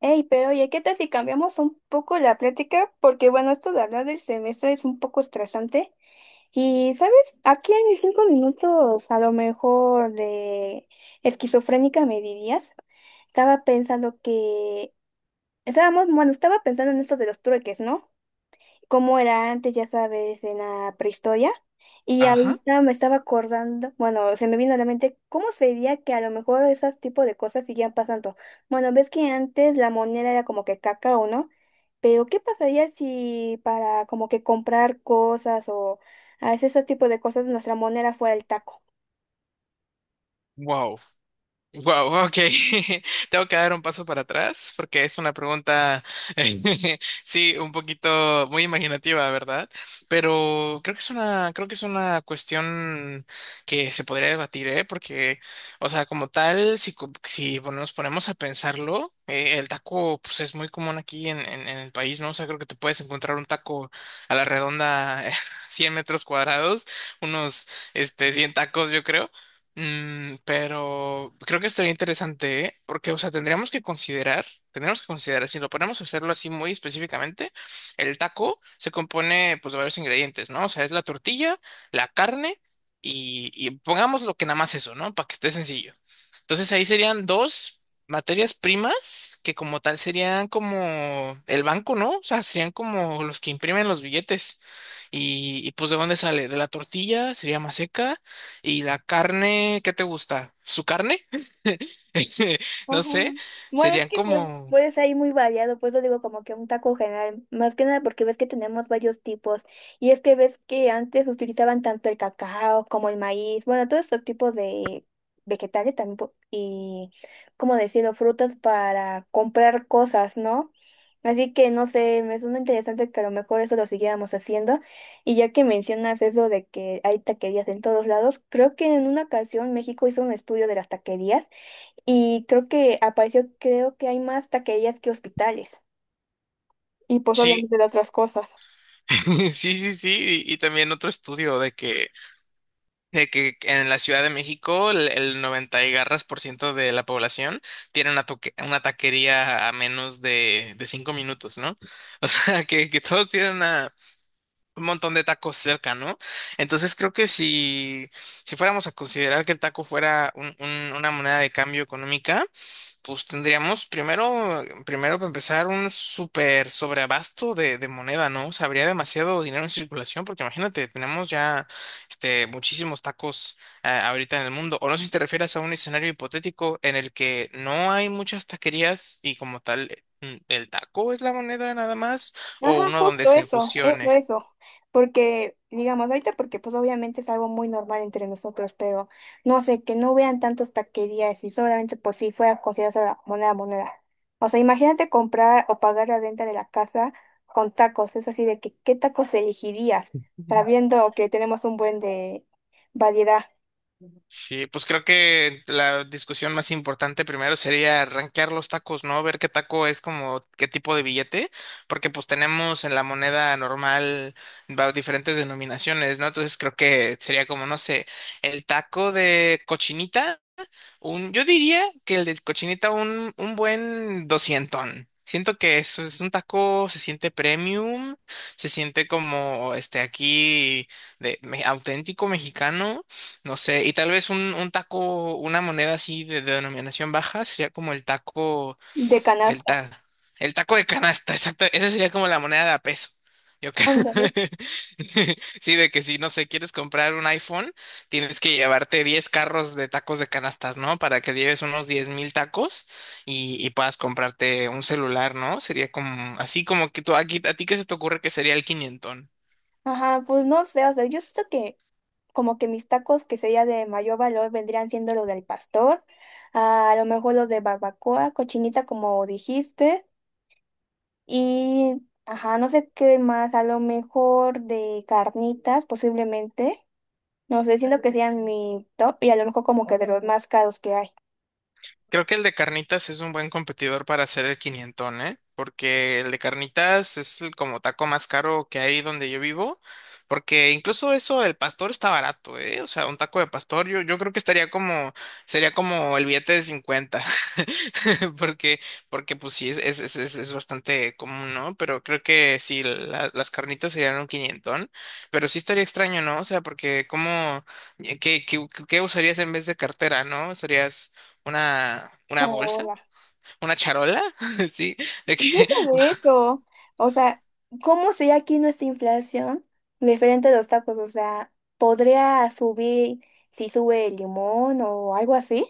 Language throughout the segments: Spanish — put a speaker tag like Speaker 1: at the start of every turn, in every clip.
Speaker 1: Ey, pero oye, ¿qué tal si cambiamos un poco la plática? Porque bueno, esto de hablar del semestre es un poco estresante. Y ¿sabes? Aquí en mis 5 minutos, a lo mejor de esquizofrénica me dirías. Estaba pensando que... estaba pensando en esto de los trueques, ¿no? Cómo era antes, ya sabes, en la prehistoria. Y
Speaker 2: Ajá.
Speaker 1: ahorita me estaba acordando, bueno, se me vino a la mente cómo sería que a lo mejor esos tipos de cosas siguieran pasando. Bueno, ves que antes la moneda era como que cacao, ¿no? Pero ¿qué pasaría si para como que comprar cosas o a veces esos tipos de cosas nuestra moneda fuera el taco?
Speaker 2: Wow. Wow, ok. Tengo que dar un paso para atrás porque es una pregunta, sí, un poquito muy imaginativa, ¿verdad? Pero creo que es una cuestión que se podría debatir, ¿eh? Porque, o sea, como tal, si nos ponemos a pensarlo, el taco, pues es muy común aquí en el país, ¿no? O sea, creo que te puedes encontrar un taco a la redonda, 100 metros cuadrados, unos, 100 tacos, yo creo. Pero creo que estaría interesante, ¿eh? Porque, o sea, tendríamos que considerar, si lo ponemos a hacerlo así muy específicamente, el taco se compone, pues, de varios ingredientes, ¿no? O sea, es la tortilla, la carne y pongamos lo que nada más eso, ¿no? Para que esté sencillo. Entonces ahí serían dos materias primas que como tal serían como el banco, ¿no? O sea, serían como los que imprimen los billetes. Y pues, ¿de dónde sale? De la tortilla, sería más, y la carne, ¿qué te gusta? ¿Su carne? No
Speaker 1: Ajá.
Speaker 2: sé,
Speaker 1: Bueno, es
Speaker 2: serían
Speaker 1: que pues
Speaker 2: como...
Speaker 1: puedes ahí muy variado, pues lo digo como que un taco general, más que nada porque ves que tenemos varios tipos, y es que ves que antes utilizaban tanto el cacao como el maíz, bueno, todos estos tipos de vegetales también po- y, como decirlo, frutas para comprar cosas, ¿no? Así que no sé, me suena interesante que a lo mejor eso lo siguiéramos haciendo. Y ya que mencionas eso de que hay taquerías en todos lados, creo que en una ocasión México hizo un estudio de las taquerías y creo que apareció, creo que hay más taquerías que hospitales. Y pues
Speaker 2: Sí,
Speaker 1: obviamente de otras cosas.
Speaker 2: sí, sí, sí. Y también otro estudio de que, en la Ciudad de México el 90 y garras por ciento de la población tiene una taquería a menos de 5 minutos, ¿no? O sea, que todos tienen un montón de tacos cerca, ¿no? Entonces creo que si fuéramos a considerar que el taco fuera una moneda de cambio económica. Pues tendríamos primero para empezar, un súper sobreabasto de moneda, ¿no? O sea, habría demasiado dinero en circulación, porque imagínate, tenemos ya muchísimos tacos ahorita en el mundo. O no sé si te refieres a un escenario hipotético en el que no hay muchas taquerías y como tal, el taco es la moneda nada más,
Speaker 1: Ajá,
Speaker 2: o uno donde
Speaker 1: justo
Speaker 2: se
Speaker 1: eso, eso,
Speaker 2: fusione.
Speaker 1: eso. Porque, digamos, ahorita porque pues obviamente es algo muy normal entre nosotros, pero no sé, que no vean tantas taquerías y solamente pues si fuera considerada la moneda moneda. O sea, imagínate comprar o pagar la renta de la casa con tacos. Es así de que, ¿qué tacos elegirías? Sabiendo que tenemos un buen de variedad
Speaker 2: Sí, pues creo que la discusión más importante primero sería rankear los tacos, ¿no? Ver qué taco es como qué tipo de billete, porque pues tenemos en la moneda normal diferentes denominaciones, ¿no? Entonces creo que sería como, no sé, el taco de cochinita. Yo diría que el de cochinita un buen doscientón. Siento que eso es un taco, se siente premium, se siente como este aquí de auténtico mexicano, no sé, y tal vez un taco, una moneda así de, denominación baja, sería como el taco.
Speaker 1: de
Speaker 2: El,
Speaker 1: canasta.
Speaker 2: ta- el taco de canasta, exacto. Esa sería como la moneda de a peso. Yo creo.
Speaker 1: Ándale.
Speaker 2: Sí, de que si, no sé, quieres comprar un iPhone, tienes que llevarte 10 carros de tacos de canastas, ¿no? Para que lleves unos 10,000 tacos y puedas comprarte un celular, ¿no? Sería como, así como que tú, aquí, a ti, ¿qué se te ocurre que sería el quinientón?
Speaker 1: Ajá, pues no sé, o sea, yo siento que como que mis tacos que sería de mayor valor vendrían siendo los del pastor, a lo mejor los de barbacoa, cochinita como dijiste, y ajá, no sé qué más, a lo mejor de carnitas posiblemente, no sé, siento que sean mi top y a lo mejor como que de los más caros que hay.
Speaker 2: Creo que el de carnitas es un buen competidor para hacer el quinientón, ¿eh? Porque el de carnitas es el como taco más caro que hay donde yo vivo, porque incluso eso, el pastor está barato, ¿eh? O sea, un taco de pastor yo creo que estaría como, sería como el billete de 50. Porque, porque pues sí, es bastante común, ¿no? Pero creo que sí, las carnitas serían un quinientón, pero sí estaría extraño, ¿no? O sea, porque ¿cómo, qué usarías en vez de cartera, ¿no? ¿Usarías una bolsa? ¿Una charola? Sí, de que
Speaker 1: Y deja de eso. O sea, ¿cómo sería aquí nuestra inflación diferente a los tacos? O sea, ¿podría subir si sube el limón o algo así?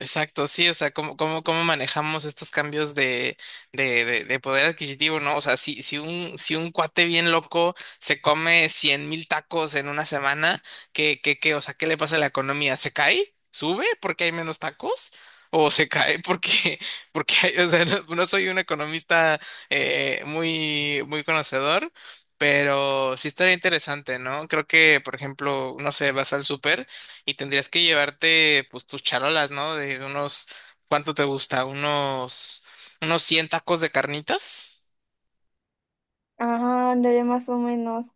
Speaker 2: Exacto, sí, o sea, cómo manejamos estos cambios de poder adquisitivo, ¿no? O sea, si un cuate bien loco se come 100,000 tacos en una semana, ¿Qué? O sea, ¿qué le pasa a la economía? ¿Se cae? ¿Sube porque hay menos tacos? ¿O se cae porque, o sea, no, no soy un economista muy, muy conocedor, pero sí estaría interesante, ¿no? Creo que, por ejemplo, no sé, vas al súper. Y tendrías que llevarte pues tus charolas, ¿no? De unos, ¿cuánto te gusta? Unos 100 tacos de carnitas.
Speaker 1: Ajá, ándale, más o menos.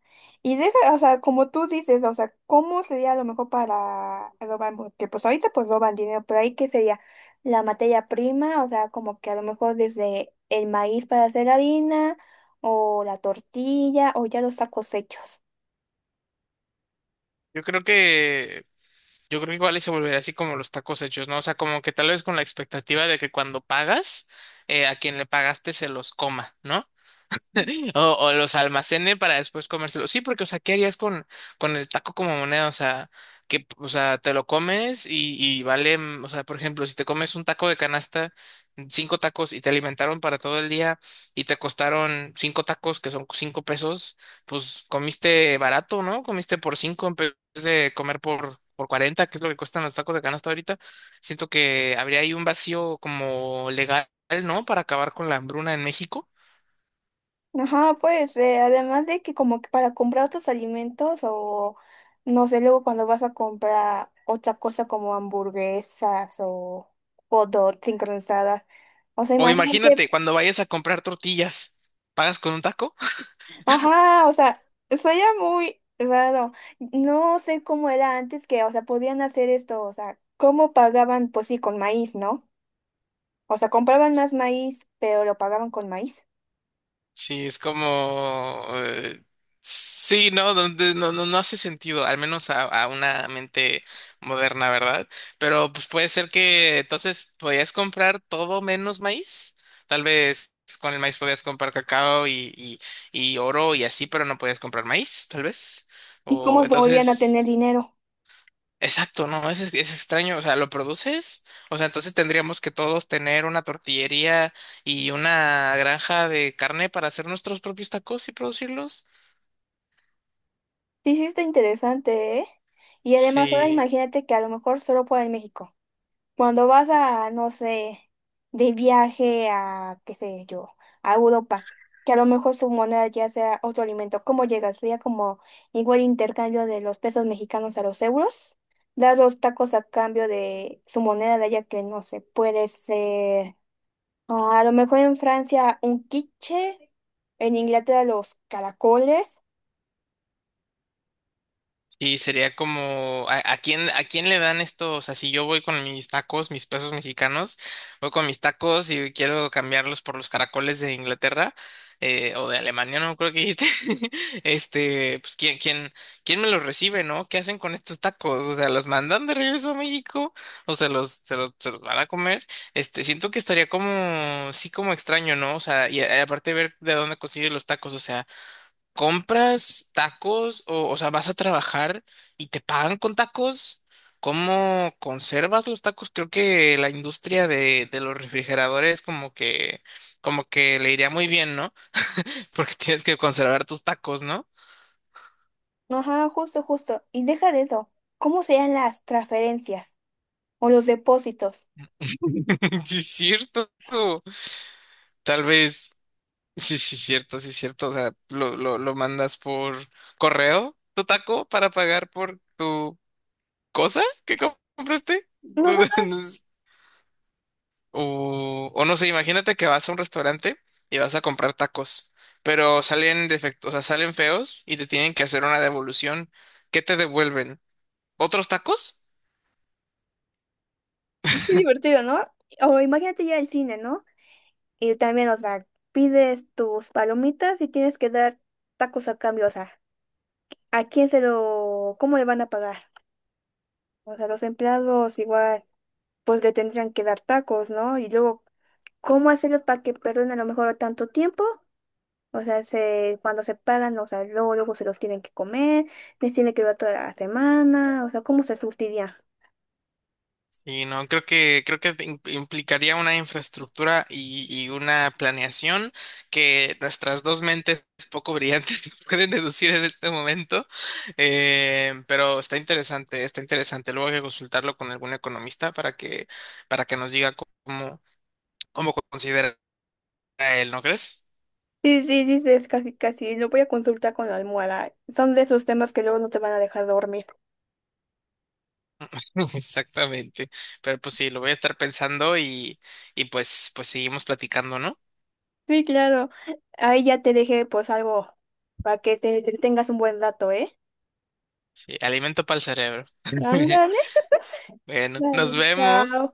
Speaker 1: Y deja, o sea, como tú dices, o sea, ¿cómo sería lo mejor para robar? Porque pues ahorita pues roban dinero, pero ahí qué sería la materia prima, o sea, como que a lo mejor desde el maíz para hacer harina, o la tortilla, o ya los tacos hechos.
Speaker 2: Yo creo que, yo creo que igual y se volvería así como los tacos hechos, ¿no? O sea, como que tal vez con la expectativa de que cuando pagas, a quien le pagaste se los coma, ¿no? O los almacene para después comérselos. Sí, porque, o sea, ¿qué harías con el taco como moneda? O sea, que, o sea, te lo comes y vale, o sea, por ejemplo, si te comes un taco de canasta, 5 tacos y te alimentaron para todo el día y te costaron 5 tacos, que son 5 pesos, pues comiste barato, ¿no? Comiste por 5 en vez de comer por 40, que es lo que cuestan los tacos de canasta ahorita. Siento que habría ahí un vacío como legal, ¿no? Para acabar con la hambruna en México.
Speaker 1: Ajá, pues además de que como que para comprar otros alimentos o no sé, luego cuando vas a comprar otra cosa como hamburguesas o hot dogs sincronizadas, o sea,
Speaker 2: O
Speaker 1: imagínate,
Speaker 2: imagínate, cuando vayas a comprar tortillas, ¿pagas con un taco?
Speaker 1: ajá, o sea, sería muy raro, no sé cómo era antes que, o sea, podían hacer esto, o sea, cómo pagaban, pues sí, con maíz, ¿no? O sea, compraban más maíz, pero lo pagaban con maíz.
Speaker 2: Sí, es como sí, no, no hace sentido, al menos a una mente moderna, ¿verdad? Pero pues puede ser que entonces podías comprar todo menos maíz. Tal vez con el maíz podías comprar cacao y oro y así, pero no podías comprar maíz, tal vez.
Speaker 1: ¿Y
Speaker 2: O
Speaker 1: cómo volvían a
Speaker 2: entonces...
Speaker 1: tener dinero?
Speaker 2: Exacto, no, es extraño, o sea, ¿lo produces? O sea, entonces tendríamos que todos tener una tortillería y una granja de carne para hacer nuestros propios tacos y producirlos.
Speaker 1: Sí, sí, está interesante, ¿eh? Y además, ahora
Speaker 2: Sí.
Speaker 1: imagínate que a lo mejor solo fuera en México. Cuando vas a, no sé, de viaje a, qué sé yo, a Europa, que a lo mejor su moneda ya sea otro alimento, ¿cómo llegas? Sería como igual intercambio de los pesos mexicanos a los euros. Dar los tacos a cambio de su moneda de allá que no sé, puede ser. Ah, a lo mejor en Francia un quiche, en Inglaterra los caracoles.
Speaker 2: Sí, sería como, ¿a quién le dan estos? O sea, si yo voy con mis tacos, mis pesos mexicanos, voy con mis tacos y quiero cambiarlos por los caracoles de Inglaterra o de Alemania, no creo que dijiste. Pues, ¿quién me los recibe, no? ¿Qué hacen con estos tacos? O sea, ¿los mandan de regreso a México o se los van a comer? Siento que estaría como, sí, como extraño, ¿no? O sea, y aparte ver de dónde consiguen los tacos, o sea. ¿Compras tacos o sea, vas a trabajar y te pagan con tacos? ¿Cómo conservas los tacos? Creo que la industria de los refrigeradores como que le iría muy bien, ¿no? Porque tienes que conservar tus tacos, ¿no?
Speaker 1: Ajá, justo, justo. Y deja de eso. ¿Cómo serían las transferencias o los depósitos?
Speaker 2: Sí, es cierto. Tal vez, sí, sí, es cierto, sí, es cierto. O sea, lo mandas por correo, tu taco, para pagar por tu cosa que compraste.
Speaker 1: Ajá.
Speaker 2: O no sé, imagínate que vas a un restaurante y vas a comprar tacos, pero salen defectos, o sea, salen feos y te tienen que hacer una devolución. ¿Qué te devuelven? ¿Otros tacos?
Speaker 1: Qué divertido, ¿no? O imagínate ya el cine, ¿no? Y también, o sea, pides tus palomitas y tienes que dar tacos a cambio, o sea, ¿a quién se lo, cómo le van a pagar? O sea, los empleados igual, pues le tendrían que dar tacos, ¿no? Y luego, ¿cómo hacerlos para que perdonen a lo mejor tanto tiempo? O sea, se, cuando se pagan, o sea, luego, luego se los tienen que comer, les tiene que dar toda la semana, o sea, ¿cómo se surtiría?
Speaker 2: Y no, creo que implicaría una infraestructura y una planeación que nuestras dos mentes poco brillantes no pueden deducir en este momento. Pero está interesante, está interesante. Luego hay que consultarlo con algún economista para que nos diga cómo, cómo considera a él, ¿no crees?
Speaker 1: Sí, sí, sí, sí, es casi, casi, lo voy a consultar con la almohada. Son de esos temas que luego no te van a dejar dormir.
Speaker 2: Exactamente. Pero pues sí, lo voy a estar pensando y pues seguimos platicando, ¿no?
Speaker 1: Sí, claro. Ahí ya te dejé pues algo para que te tengas un buen dato, ¿eh?
Speaker 2: Sí, alimento para el cerebro.
Speaker 1: Ándale,
Speaker 2: Bueno, nos
Speaker 1: dale, chao.
Speaker 2: vemos.